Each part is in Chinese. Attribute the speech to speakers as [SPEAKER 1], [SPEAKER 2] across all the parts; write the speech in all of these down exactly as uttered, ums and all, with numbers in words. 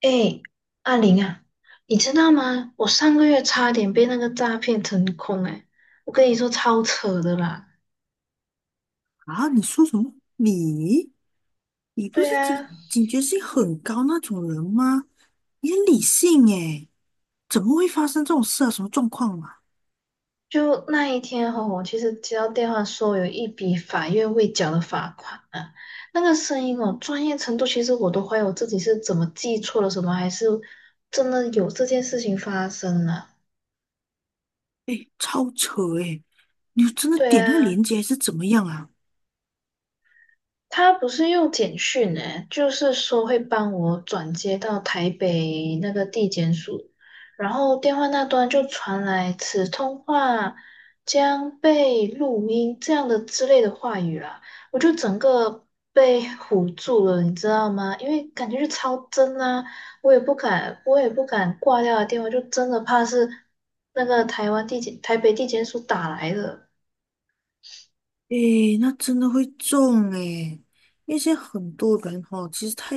[SPEAKER 1] 哎，阿玲啊，你知道吗？我上个月差点被那个诈骗成功哎，我跟你说超扯的啦。
[SPEAKER 2] 啊，你说什么？你你不
[SPEAKER 1] 对
[SPEAKER 2] 是警
[SPEAKER 1] 啊，
[SPEAKER 2] 警觉性很高那种人吗？你很理性诶，怎么会发生这种事啊？什么状况啊？
[SPEAKER 1] 就那一天哈、我其实接到电话说有一笔法院未缴的罚款啊，那个声音哦，专业程度其实我都怀疑我自己是怎么记错了什么，还是真的有这件事情发生了。
[SPEAKER 2] 诶，超扯诶！你真的
[SPEAKER 1] 对
[SPEAKER 2] 点那个
[SPEAKER 1] 啊，
[SPEAKER 2] 链接还是怎么样啊？
[SPEAKER 1] 他不是用简讯诶，就是说会帮我转接到台北那个地检署，然后电话那端就传来"此通话将被录音"这样的之类的话语啦，我就整个被唬住了，你知道吗？因为感觉是超真啊，我也不敢，我也不敢挂掉的电话，就真的怕是那个台湾地检、台北地检署打来的。
[SPEAKER 2] 诶，那真的会中诶，因为现在很多人哦，其实太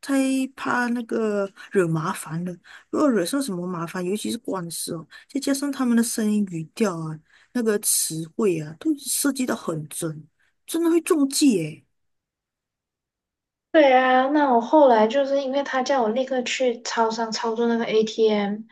[SPEAKER 2] 太怕那个惹麻烦了。如果惹上什么麻烦，尤其是官司哦，再加上他们的声音语调啊，那个词汇啊，都设计得很准，真的会中计诶。
[SPEAKER 1] 对啊，那我后来就是因为他叫我立刻去超商操作那个 A T M，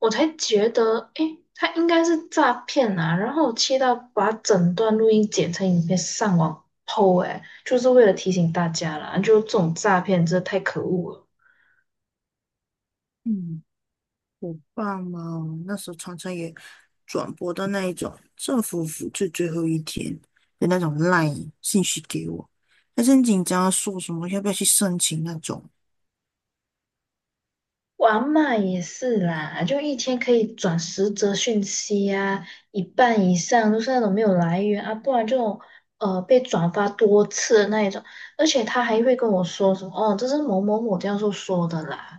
[SPEAKER 1] 我才觉得，诶，他应该是诈骗啊。然后我气到把整段录音剪成影片上网 po，诶，就是为了提醒大家啦，就这种诈骗真的太可恶了。
[SPEAKER 2] 嗯，我爸妈哦那时候常常也转播到那一种政府复制最后一天的那种 LINE 信息给我，还是很紧张啊，说什么要不要去申请那种。
[SPEAKER 1] 我阿嬷也是啦，就一天可以转十则讯息啊，一半以上都是那种没有来源啊，不然就呃被转发多次的那一种。而且他还会跟我说什么哦，这是某某某教授说的啦，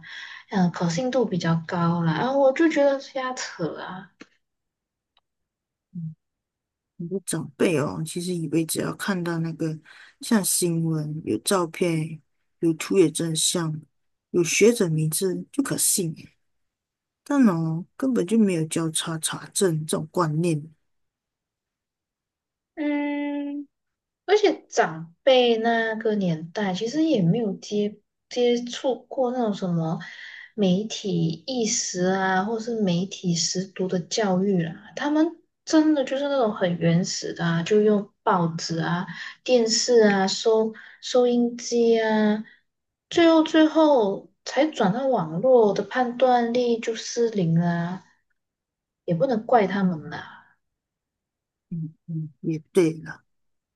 [SPEAKER 1] 嗯，可信度比较高啦，啊，我就觉得瞎扯啊。
[SPEAKER 2] 很多长辈哦，其实以为只要看到那个像新闻、有照片、有图有真相、有学者名字就可信耶，但哦，根本就没有交叉查证这种观念。
[SPEAKER 1] 嗯。而且长辈那个年代其实也没有接接触过那种什么媒体意识啊，或是媒体识读的教育啦、他们真的就是那种很原始的啊，就用报纸啊、电视啊、收收音机啊，最后最后才转到网络的判断力就失灵啦、也不能怪他们
[SPEAKER 2] 嗯
[SPEAKER 1] 啦。
[SPEAKER 2] 嗯嗯，也对了。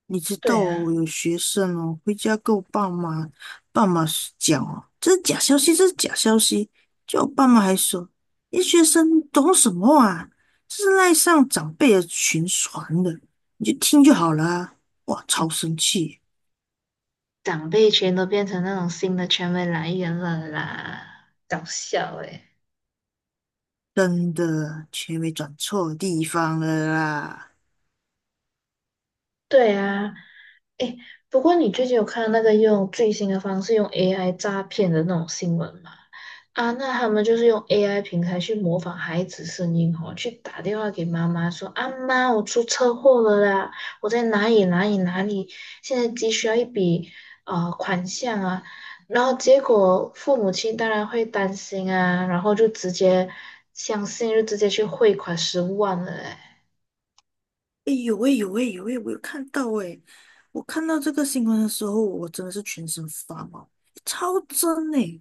[SPEAKER 2] 你知道
[SPEAKER 1] 对
[SPEAKER 2] 哦，
[SPEAKER 1] 啊。
[SPEAKER 2] 有学生哦，回家跟我爸妈爸妈讲哦，这是假消息，这是假消息。就我爸妈还说，你学生懂什么啊？这是赖上长辈的群传的，你就听就好了啊。哇，超生气，
[SPEAKER 1] 长辈全都变成那种新的权威来源了啦，搞笑诶、
[SPEAKER 2] 真的，全没转错地方了啦。
[SPEAKER 1] 对啊，诶，不过你最近有看那个用最新的方式用 A I 诈骗的那种新闻吗？啊，那他们就是用 A I 平台去模仿孩子声音哦，去打电话给妈妈说："阿妈，我出车祸了啦，我在哪里哪里哪里，现在急需要一笔呃款项啊。"然后结果父母亲当然会担心啊，然后就直接相信，就直接去汇款十五万了诶。
[SPEAKER 2] 哎呦喂，有喂，有喂，我有看到哎，我看到这个新闻的时候，我真的是全身发毛，超真哎。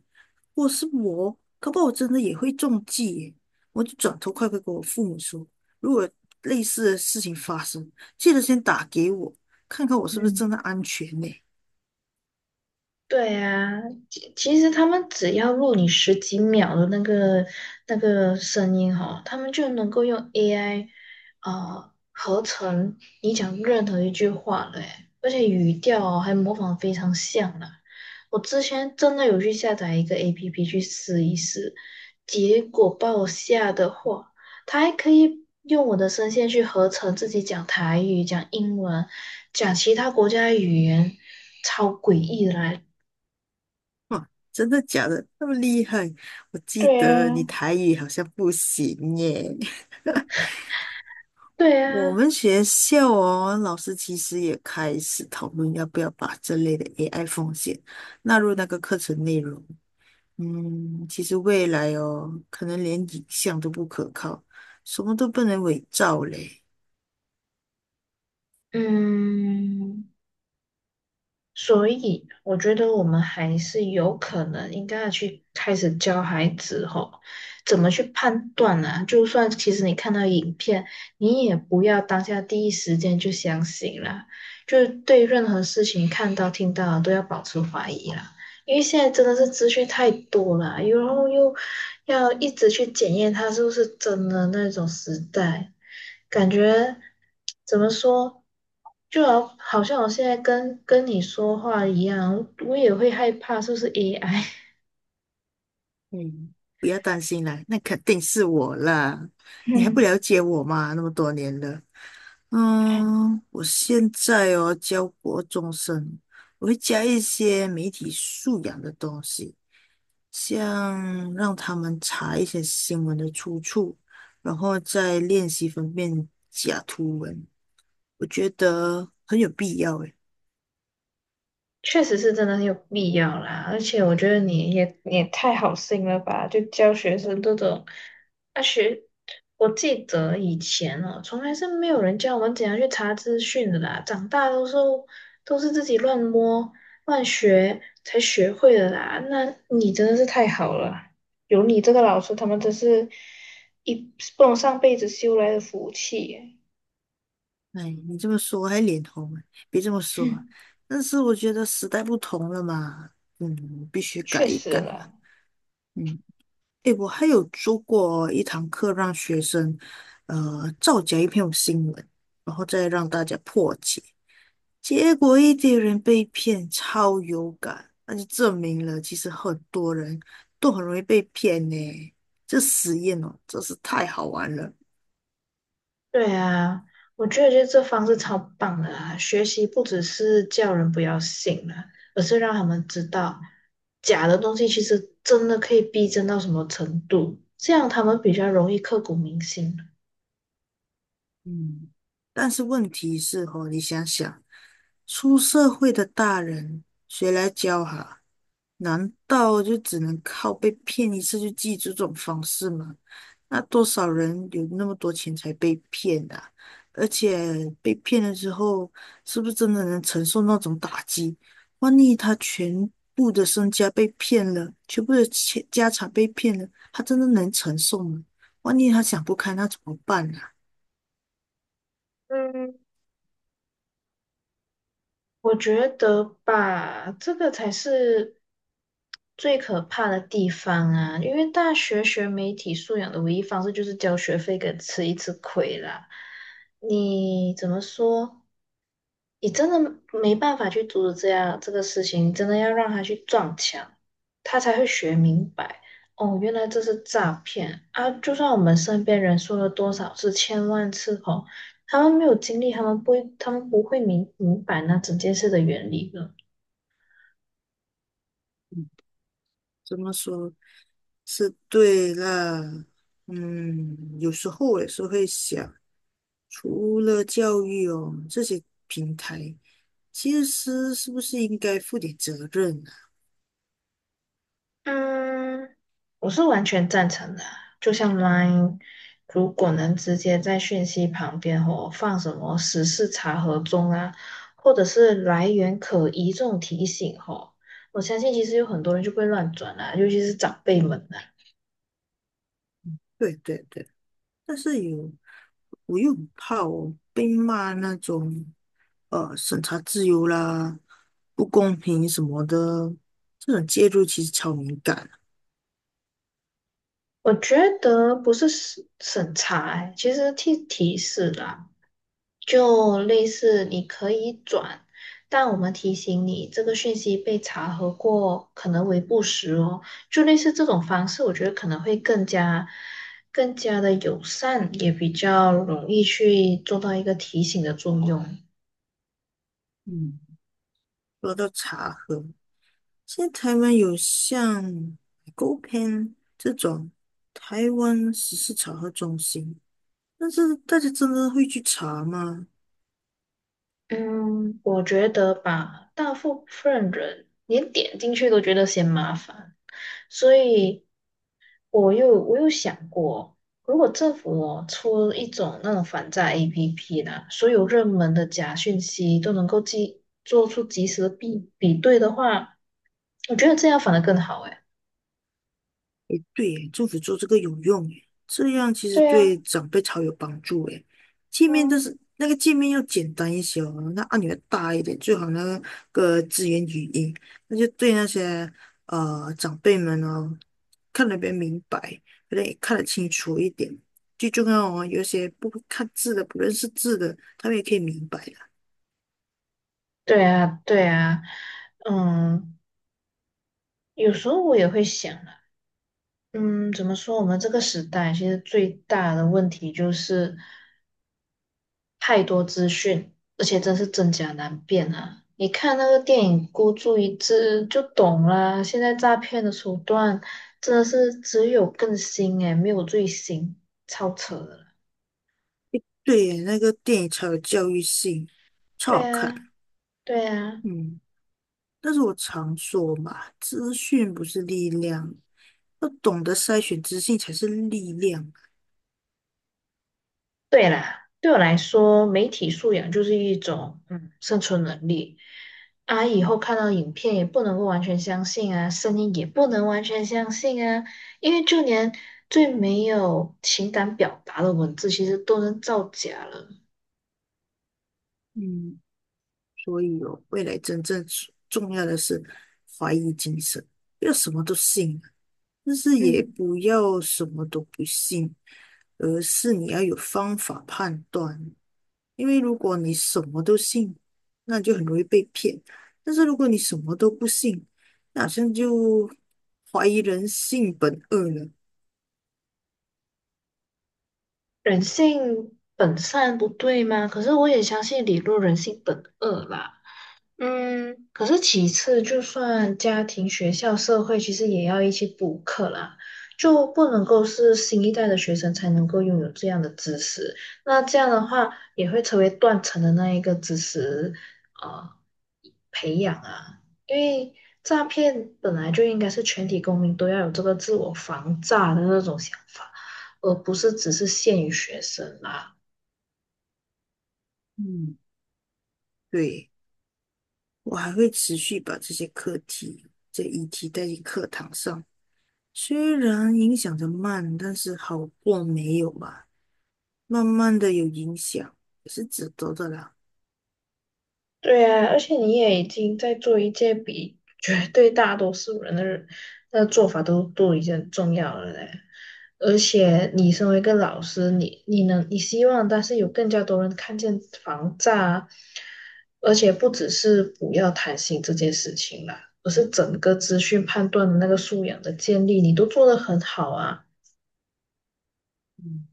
[SPEAKER 2] 我是我，可不好我真的也会中计耶。我就转头快快跟我父母说，如果类似的事情发生，记得先打给我，看看我是不是真的安全呢？
[SPEAKER 1] 对啊，其其实他们只要录你十几秒的那个那个声音哈，他们就能够用 A I 呃合成你讲任何一句话嘞，而且语调哦还模仿得非常像啦。我之前真的有去下载一个 A P P 去试一试，结果把我吓得话，它还可以用我的声线去合成自己讲台语、讲英文、讲其他国家的语言，超诡异的啦！
[SPEAKER 2] 哇，真的假的？那么厉害？我记
[SPEAKER 1] 对
[SPEAKER 2] 得
[SPEAKER 1] 呀，
[SPEAKER 2] 你台语好像不行耶。
[SPEAKER 1] 对
[SPEAKER 2] 我
[SPEAKER 1] 呀。
[SPEAKER 2] 们学校哦，老师其实也开始讨论要不要把这类的 A I 风险纳入那个课程内容。嗯，其实未来哦，可能连影像都不可靠，什么都不能伪造嘞。
[SPEAKER 1] 嗯，所以我觉得我们还是有可能应该要去开始教孩子吼，怎么去判断啊？就算其实你看到影片，你也不要当下第一时间就相信啦，就是对任何事情看到听到都要保持怀疑啦，因为现在真的是资讯太多了，然后又要一直去检验它是不是真的那种时代，感觉怎么说，就好好像我现在跟跟你说话一样，我也会害怕是不是 A I。
[SPEAKER 2] 嗯，不要担心啦，那肯定是我啦。你还不
[SPEAKER 1] 嗯，
[SPEAKER 2] 了解我嘛？那么多年了，嗯，我现在哦教国中生，我会加一些媒体素养的东西，像让他们查一些新闻的出处，然后再练习分辨假图文，我觉得很有必要诶。
[SPEAKER 1] 确实是真的很有必要啦，而且我觉得你也你也太好心了吧，就教学生这种，啊学，我记得以前哦，从来是没有人教我们怎样去查资讯的啦，长大都是都是自己乱摸乱学才学会的啦，那你真的是太好了，有你这个老师，他们真是一不能上辈子修来的福气耶。
[SPEAKER 2] 哎，你这么说我还脸红啊，别这么说。
[SPEAKER 1] 哼，
[SPEAKER 2] 但是我觉得时代不同了嘛，嗯，必须
[SPEAKER 1] 确
[SPEAKER 2] 改一
[SPEAKER 1] 实
[SPEAKER 2] 改了。
[SPEAKER 1] 啦。
[SPEAKER 2] 嗯，哎，我还有做过一堂课，让学生呃造假一篇新闻，然后再让大家破解，结果一堆人被骗，超有感，那就证明了其实很多人都很容易被骗呢。这实验哦，真是太好玩了。
[SPEAKER 1] 对啊，我觉得就是这方式超棒的啊！学习不只是叫人不要信了，而是让他们知道假的东西其实真的可以逼真到什么程度，这样他们比较容易刻骨铭心。
[SPEAKER 2] 嗯，但是问题是哦，你想想。出社会的大人，谁来教哈？难道就只能靠被骗一次就记住这种方式吗？那多少人有那么多钱才被骗的？而且被骗了之后，是不是真的能承受那种打击？万一他全部的身家被骗了，全部的钱家产被骗了，他真的能承受吗？万一他想不开，那怎么办啊？
[SPEAKER 1] 嗯，我觉得吧，这个才是最可怕的地方啊！因为大学学媒体素养的唯一方式就是交学费跟吃一次亏啦。你怎么说？你真的没办法去阻止这样这个事情，真的要让他去撞墙，他才会学明白。哦，原来这是诈骗啊！就算我们身边人说了多少次、千万次哦，他们没有经历，他们不会，他们不会明明白那整件事的原理的。
[SPEAKER 2] 嗯，怎么说？是对啦，嗯，有时候我也是会想，除了教育哦，这些平台其实是不是应该负点责任啊？
[SPEAKER 1] 嗯，我是完全赞成的啊。就像 Line，如果能直接在讯息旁边或放什么时事查核中啊，或者是来源可疑这种提醒吼，我相信其实有很多人就不会乱转啦、尤其是长辈们啊。
[SPEAKER 2] 对对对，但是有，我又很怕我被骂那种呃审查自由啦、不公平什么的，这种介入其实超敏感啊，
[SPEAKER 1] 我觉得不是审审查欸，其实提提示啦。就类似你可以转，但我们提醒你这个讯息被查核过，可能为不实哦。就类似这种方式，我觉得可能会更加更加的友善，也比较容易去做到一个提醒的作用。
[SPEAKER 2] 嗯，说到茶喝。现在台湾有像 Go Pen 这种台湾时事查核中心，但是大家真的会去查吗？
[SPEAKER 1] 嗯，我觉得吧，大部分人连点进去都觉得嫌麻烦，所以。我又我又想过，如果政府哦出一种那种反诈 A P P 呢，所有热门的假讯息都能够及做出及时的比比对的话，我觉得这样反而更好诶。
[SPEAKER 2] 诶，对耶，政府做这个有用耶，这样其实
[SPEAKER 1] 对呀，
[SPEAKER 2] 对长辈超有帮助诶。界面
[SPEAKER 1] 嗯，
[SPEAKER 2] 都是那个界面要简单一些哦，那按钮要大一点，最好那个支援语音，那就对那些呃长辈们哦，看得比较明白，有点也看得清楚一点。最重要哦，有些不会看字的、不认识字的，他们也可以明白的。
[SPEAKER 1] 对啊，对啊，嗯，有时候我也会想啊，嗯，怎么说？我们这个时代其实最大的问题就是。太多资讯，而且真是真假难辨啊！你看那个电影《孤注一掷》就懂啦。现在诈骗的手段真的是只有更新诶，没有最新，超扯的啦。
[SPEAKER 2] 对耶那个电影超有教育性，超
[SPEAKER 1] 对
[SPEAKER 2] 好看。
[SPEAKER 1] 啊，对啊。
[SPEAKER 2] 嗯。但是我常说嘛，资讯不是力量，要懂得筛选资讯才是力量。
[SPEAKER 1] 对啦，对我来说，媒体素养就是一种嗯生存能力啊。以后看到影片也不能够完全相信啊，声音也不能完全相信啊，因为就连最没有情感表达的文字，其实都能造假了。
[SPEAKER 2] 嗯，所以哦，未来真正重要的是怀疑精神，不要什么都信，但是也
[SPEAKER 1] 嗯，
[SPEAKER 2] 不要什么都不信，而是你要有方法判断。因为如果你什么都信，那就很容易被骗；但是如果你什么都不信，那好像就怀疑人性本恶了。
[SPEAKER 1] 人性本善不对吗？可是我也相信理论人性本恶啦。嗯，可是其次，就算家庭、学校、社会，其实也要一起补课啦，就不能够是新一代的学生才能够拥有这样的知识。那这样的话，也会成为断层的那一个知识，呃，培养啊。因为诈骗本来就应该是全体公民都要有这个自我防诈的那种想法，而不是只是限于学生啦。
[SPEAKER 2] 嗯。对，我还会持续把这些课题、这议题带进课堂上，虽然影响的慢，但是好过没有吧。慢慢的有影响，也是值得的啦。
[SPEAKER 1] 对啊，而且你也已经在做一件比绝对大多数人的人的做法都都已经很重要了嘞。而且你身为一个老师，你你能你希望，但是有更加多人看见防诈啊，而且不只是不要贪心这件事情啦，而是整个资讯判断的那个素养的建立，你都做得很好啊。
[SPEAKER 2] 嗯，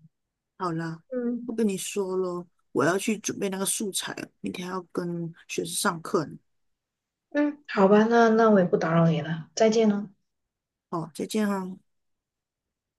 [SPEAKER 2] 好啦，
[SPEAKER 1] 嗯
[SPEAKER 2] 不跟你说咯，我要去准备那个素材了，明天还要跟学生上课呢。
[SPEAKER 1] 嗯，好吧，那那我也不打扰你了，再见喽。
[SPEAKER 2] 哦，再见哈。